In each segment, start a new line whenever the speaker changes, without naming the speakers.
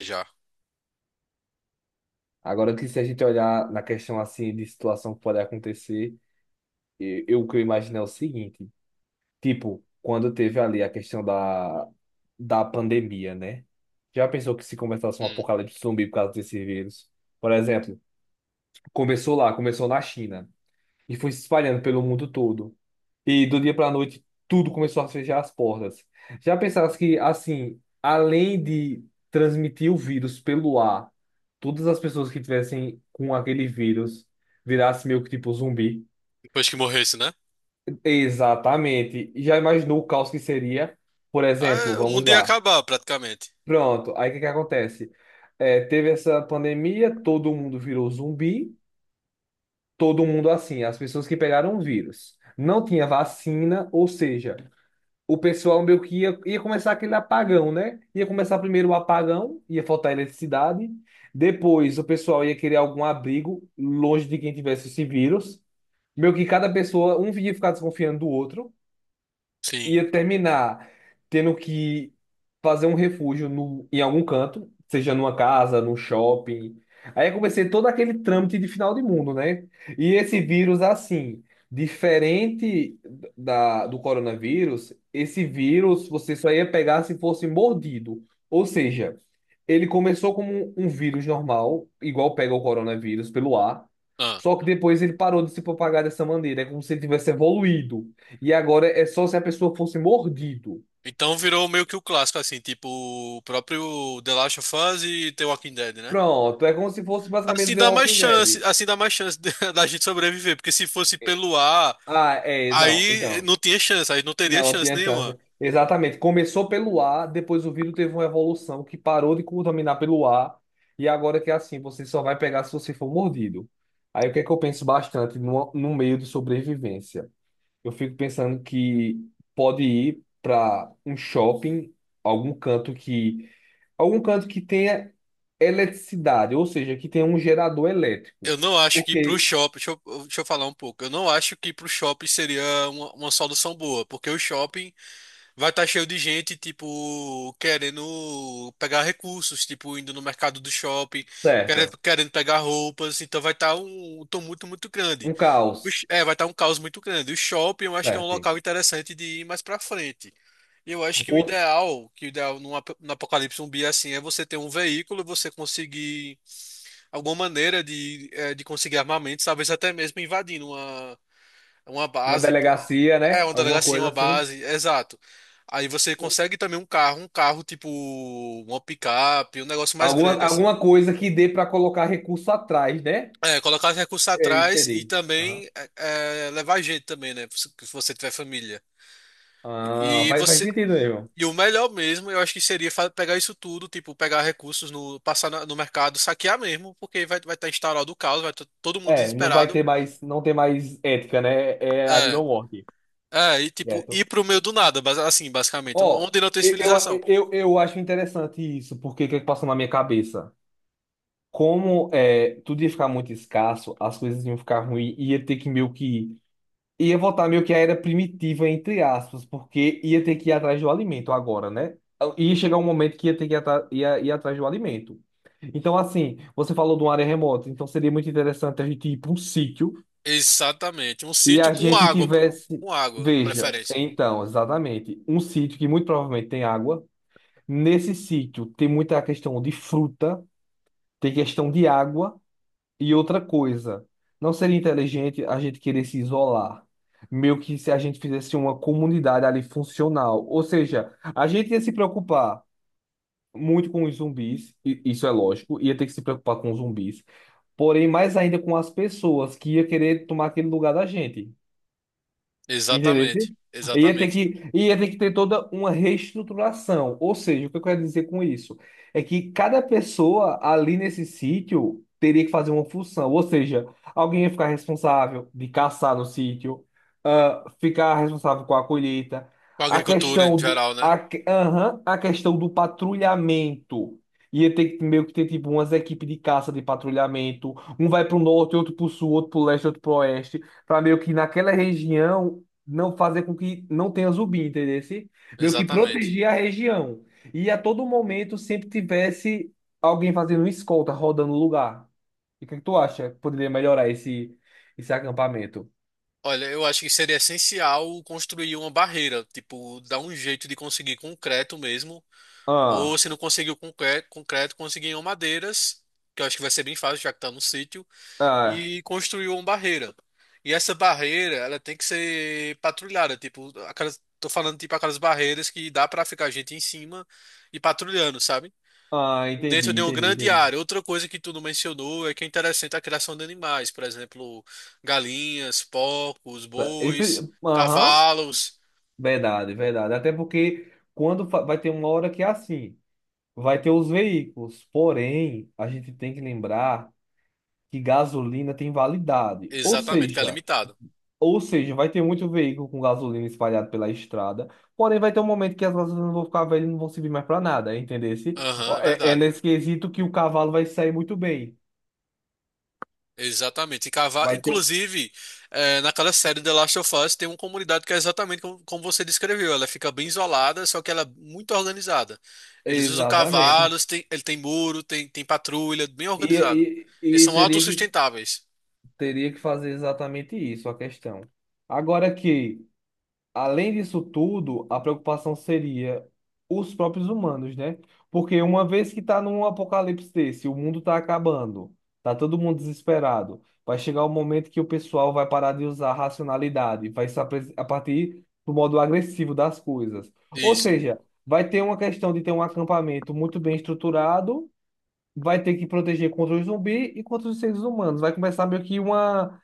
Já.
Agora que se a gente olhar na questão assim de situação que pode acontecer, eu, o que eu imagino é o seguinte, tipo, quando teve ali a questão da pandemia, né? Já pensou que se começasse um
Hum.
apocalipse zumbi por causa desse vírus? Por exemplo, começou lá, começou na China e foi se espalhando pelo mundo todo. E do dia para a noite, tudo começou a fechar as portas. Já pensasse que, assim, além de transmitir o vírus pelo ar, todas as pessoas que tivessem com aquele vírus virassem meio que tipo zumbi?
Depois que morresse, né?
Exatamente. E já imaginou o caos que seria? Por
Ah,
exemplo,
é, o
vamos
mundo ia
lá.
acabar, praticamente.
Pronto, aí o que que acontece? É, teve essa pandemia, todo mundo virou zumbi. Todo mundo assim, as pessoas que pegaram o vírus. Não tinha vacina, ou seja, o pessoal meio que ia começar aquele apagão, né? Ia começar primeiro o apagão, ia faltar eletricidade, depois o pessoal ia querer algum abrigo longe de quem tivesse esse vírus. Meio que cada pessoa, um ia ficar desconfiando do outro,
Sim.
ia terminar tendo que fazer um refúgio no, em algum canto, seja numa casa, num shopping. Aí eu comecei todo aquele trâmite de final de mundo, né? E esse vírus, assim, diferente do coronavírus, esse vírus você só ia pegar se fosse mordido. Ou seja, ele começou como um vírus normal, igual pega o coronavírus, pelo ar.
Ah.
Só que depois ele parou de se propagar dessa maneira, é como se ele tivesse evoluído. E agora é só se a pessoa fosse mordido.
Então virou meio que o clássico, assim, tipo o próprio The Last of Us e The Walking Dead, né?
Pronto, é como se fosse basicamente
Assim
The
dá mais
Walking
chance,
Dead.
da gente sobreviver, porque se fosse pelo ar,
Ah, é, não,
aí
então,
não tinha chance, aí não teria
não
chance
tinha chance.
nenhuma.
Exatamente, começou pelo ar, depois o vírus teve uma evolução que parou de contaminar pelo ar, e agora que é assim, você só vai pegar se você for mordido. Aí o que é que eu penso bastante no meio de sobrevivência? Eu fico pensando que pode ir para um shopping, algum canto que algum canto que tenha eletricidade, ou seja, que tenha um gerador elétrico.
Eu não acho que pro
Porque,
shopping, deixa eu falar um pouco, eu não acho que pro shopping seria uma solução boa, porque o shopping vai estar cheio de gente, tipo, querendo pegar recursos, tipo, indo no mercado do shopping,
certo,
querendo pegar roupas, então vai estar um tumulto muito grande.
um caos,
É, vai estar um caos muito grande. O shopping eu acho que é um
certo.
local interessante de ir mais pra frente. E eu acho
Ou
que o ideal no apocalipse zumbi é assim, é você ter um veículo, você conseguir alguma maneira de, de conseguir armamentos, talvez até mesmo invadindo uma
uma
base.
delegacia,
É,
né?
uma
Alguma
delegacia,
coisa
uma
assim.
base, exato. Aí você consegue também um carro tipo uma picape, um negócio mais
Alguma,
grande assim.
alguma coisa que dê para colocar recurso atrás, né?
É, colocar os recursos
É,
atrás e
entendi. Aham.
também levar gente também, né? Se você tiver família.
Ah,
E
faz
você
sentido mesmo.
e o melhor mesmo, eu acho que pegar isso tudo, tipo, pegar recursos no no mercado, saquear mesmo, porque vai estar instaurado o caos, vai estar todo mundo
É, não vai
desesperado.
ter mais, não tem mais ética, né? É a vida
É.
ou morte.
É, e tipo,
Certo.
ir pro meio do nada, assim, basicamente, um,
Ó,
onde não tem
eu, eu,
civilização.
eu, eu acho interessante isso, porque o que é que passou na minha cabeça? Como é, tudo ia ficar muito escasso, as coisas iam ficar ruins, ia ter que meio que. Ia voltar meio que à era primitiva, entre aspas, porque ia ter que ir atrás do alimento agora, né? Ia chegar um momento que ia ter que ir, ir atrás do alimento. Então, assim, você falou de uma área remota, então seria muito interessante a gente ir para um sítio
Exatamente. Um
e
sítio
a
com
gente
água,
tivesse.
com água, de
Veja,
preferência.
então, exatamente, um sítio que muito provavelmente tem água. Nesse sítio tem muita questão de fruta, tem questão de água e outra coisa. Não seria inteligente a gente querer se isolar, meio que se a gente fizesse uma comunidade ali funcional. Ou seja, a gente ia se preocupar muito com os zumbis, isso é lógico, ia ter que se preocupar com os zumbis, porém mais ainda com as pessoas que ia querer tomar aquele lugar da gente. Entendeu?
Exatamente.
Ia ter
Exatamente.
que, ia ter que ter toda uma reestruturação. Ou seja, o que eu quero dizer com isso? É que cada pessoa ali nesse sítio teria que fazer uma função. Ou seja, alguém ia ficar responsável de caçar no sítio, ah, ficar responsável com a colheita.
Com
A
agricultura em
questão do,
geral, né?
a, que- aham, a questão do patrulhamento. Ia ter que meio que ter tipo umas equipes de caça de patrulhamento. Um vai para o norte, outro para o sul, outro para o leste, outro para o oeste, para meio que naquela região não fazer com que não tenha zumbi, entendeu? Meio que
Exatamente.
proteger a região. E a todo momento sempre tivesse alguém fazendo uma escolta, rodando o lugar. E o que é que tu acha que poderia melhorar esse acampamento?
Olha, eu acho que seria essencial construir uma barreira, tipo, dar um jeito de conseguir concreto mesmo, ou
Ah,
se não conseguir o concreto, conseguir em madeiras, que eu acho que vai ser bem fácil, já que tá no sítio.
ah,
E construiu uma barreira. E essa barreira, ela tem que ser patrulhada, tipo, tô falando tipo aquelas barreiras que dá pra ficar gente em cima e patrulhando, sabe?
ah,
Dentro
entendi,
de uma
entendi,
grande
entendi.
área. Outra coisa que tu não mencionou é que é interessante a criação de animais, por exemplo, galinhas, porcos, bois,
Aham,
cavalos.
verdade, verdade. Até porque vai ter uma hora que é assim, vai ter os veículos. Porém, a gente tem que lembrar que gasolina tem validade. Ou
Exatamente, que é
seja,
limitado.
Ou seja, vai ter muito veículo com gasolina espalhado pela estrada, porém vai ter um momento que as gasolinas vão ficar velhas e não vão servir mais para nada, entendesse?
Aham,
Ó,
é
é, é
verdade.
nesse quesito que o cavalo vai sair muito bem.
Exatamente. E cavar,
Vai ter um...
inclusive, naquela série The Last of Us tem uma comunidade que é exatamente como você descreveu. Ela fica bem isolada, só que ela é muito organizada. Eles usam
Exatamente.
cavalos, tem, ele tem muro, tem, tem patrulha, bem
E,
organizado. Eles
e, e
são
teria que,
autossustentáveis.
teria que fazer exatamente isso, a questão. Agora que Além disso tudo, a preocupação seria os próprios humanos, né? Porque uma vez que está num apocalipse desse, o mundo está acabando, tá todo mundo desesperado, vai chegar o momento que o pessoal vai parar de usar a racionalidade, vai se apre- a partir do modo agressivo das coisas. Ou
Isso.
seja, vai ter uma questão de ter um acampamento muito bem estruturado, vai ter que proteger contra os zumbis e contra os seres humanos. Vai começar meio que uma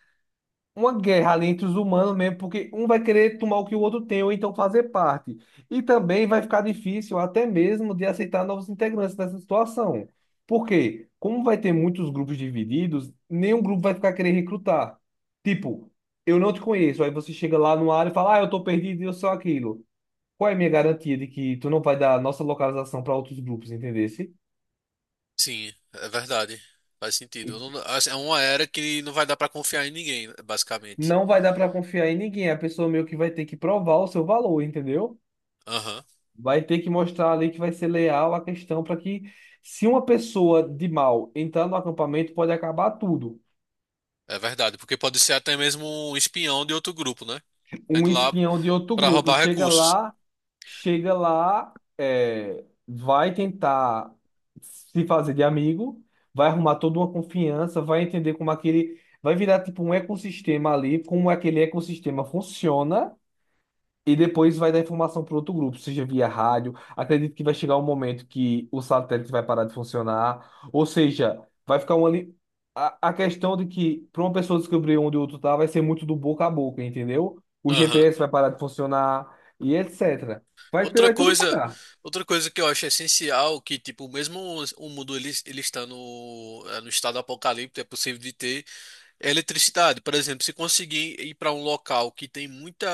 uma guerra ali entre os humanos mesmo, porque um vai querer tomar o que o outro tem, ou então fazer parte. E também vai ficar difícil até mesmo de aceitar novos integrantes nessa situação. Por quê? Como vai ter muitos grupos divididos, nenhum grupo vai ficar querendo recrutar. Tipo, eu não te conheço, aí você chega lá no área e fala, ah, eu tô perdido e eu sou aquilo. Qual é a minha garantia de que tu não vai dar a nossa localização para outros grupos, entendesse?
Sim, é verdade. Faz sentido. Eu não- assim, é uma era que não vai dar pra confiar em ninguém, basicamente.
Não vai dar para confiar em ninguém, a pessoa meio que vai ter que provar o seu valor, entendeu?
Aham.
Vai ter que mostrar ali que vai ser leal à questão para que, se uma pessoa de mal entrar no acampamento, pode acabar tudo.
É verdade, porque pode ser até mesmo um espião de outro grupo, né? Tá
Um
indo lá
espião de outro
pra
grupo
roubar
chega
recursos.
lá, é, vai tentar se fazer de amigo, vai arrumar toda uma confiança, vai entender como aquele, vai virar tipo um ecossistema ali, como aquele ecossistema funciona. E depois vai dar informação para outro grupo, seja via rádio. Acredito que vai chegar um momento que o satélite vai parar de funcionar. Ou seja, vai ficar uma. Li- A, a questão de que, para uma pessoa descobrir onde o outro tá, vai ser muito do boca a boca, entendeu? O
Aham.
GPS vai parar de funcionar e etc. Vai,
Outra
vai tudo
coisa,
parar.
outra coisa que eu acho essencial, que tipo, mesmo o mundo ele, ele está no, no estado apocalíptico, é possível de ter é eletricidade. Por exemplo, se conseguir ir para um local que tem muita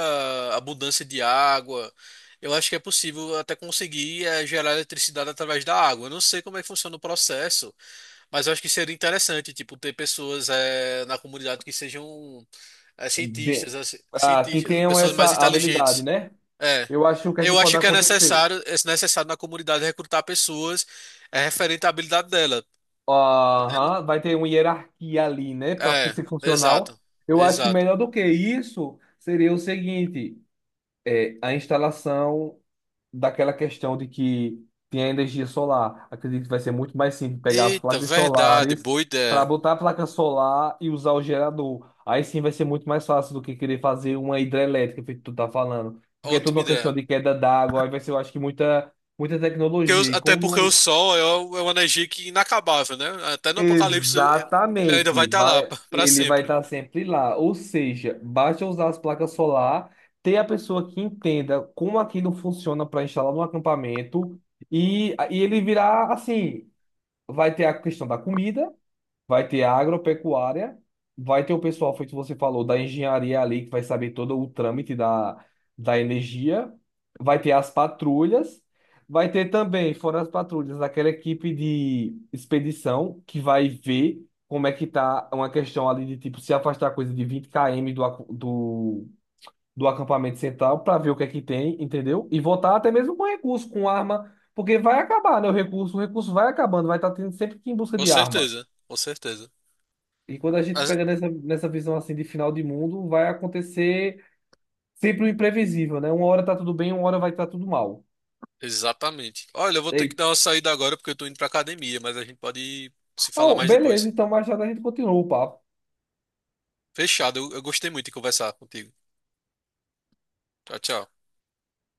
abundância de água, eu acho que é possível até conseguir gerar eletricidade através da água. Eu não sei como é que funciona o processo, mas eu acho que seria interessante, tipo, ter pessoas na comunidade que sejam
De...
cientistas, assim,
Ah, que
cientistas,
tenham
pessoas
essa
mais
habilidade,
inteligentes.
né?
É.
Eu acho que o que é que
Eu
pode
acho que
acontecer?
é necessário na comunidade recrutar pessoas é, referente à habilidade dela, tá entendendo?
Aham, vai ter uma hierarquia ali, né, para
É,
ser funcional.
exato.
Eu acho que
Exato.
melhor do que isso seria o seguinte: é, a instalação daquela questão de que tem a energia solar. Acredito que vai ser muito mais simples pegar as
Eita,
placas
verdade,
solares
boa
para
ideia.
botar a placa solar e usar o gerador. Aí sim vai ser muito mais fácil do que querer fazer uma hidrelétrica, feito tu tá falando. Porque é tudo
Ótima
uma questão
ideia.
de queda d'água, aí vai ser, eu acho que muita, muita
Porque
tecnologia.
o-
E
até porque o
como
sol é, o- é uma energia que é inacabável, né? Até no apocalipse ele ainda vai
Exatamente,
estar lá para
ele vai
sempre.
estar sempre lá. Ou seja, basta usar as placas solar, ter a pessoa que entenda como aquilo funciona para instalar no acampamento e ele virá assim, vai ter a questão da comida, vai ter a agropecuária, vai ter o pessoal, foi o que você falou, da engenharia ali, que vai saber todo o trâmite da, energia, vai ter as patrulhas, vai ter também, fora as patrulhas, aquela equipe de expedição que vai ver como é que tá uma questão ali de tipo se afastar coisa de 20 km do acampamento central para ver o que é que tem, entendeu? E voltar até mesmo com recurso, com arma, porque vai acabar, né? O recurso vai acabando, vai estar tendo sempre que ir em busca
Com
de arma.
certeza, com certeza.
E quando a gente
As-
pega nessa visão assim de final de mundo, vai acontecer sempre o imprevisível, né? Uma hora tá tudo bem, uma hora vai estar tudo mal.
exatamente. Olha, eu vou ter que
Ei,
dar uma saída agora porque eu tô indo pra academia, mas a gente pode se falar
ah,
mais
beleza,
depois.
então mais tarde a gente continua o papo.
Fechado, eu gostei muito de conversar contigo. Tchau, tchau.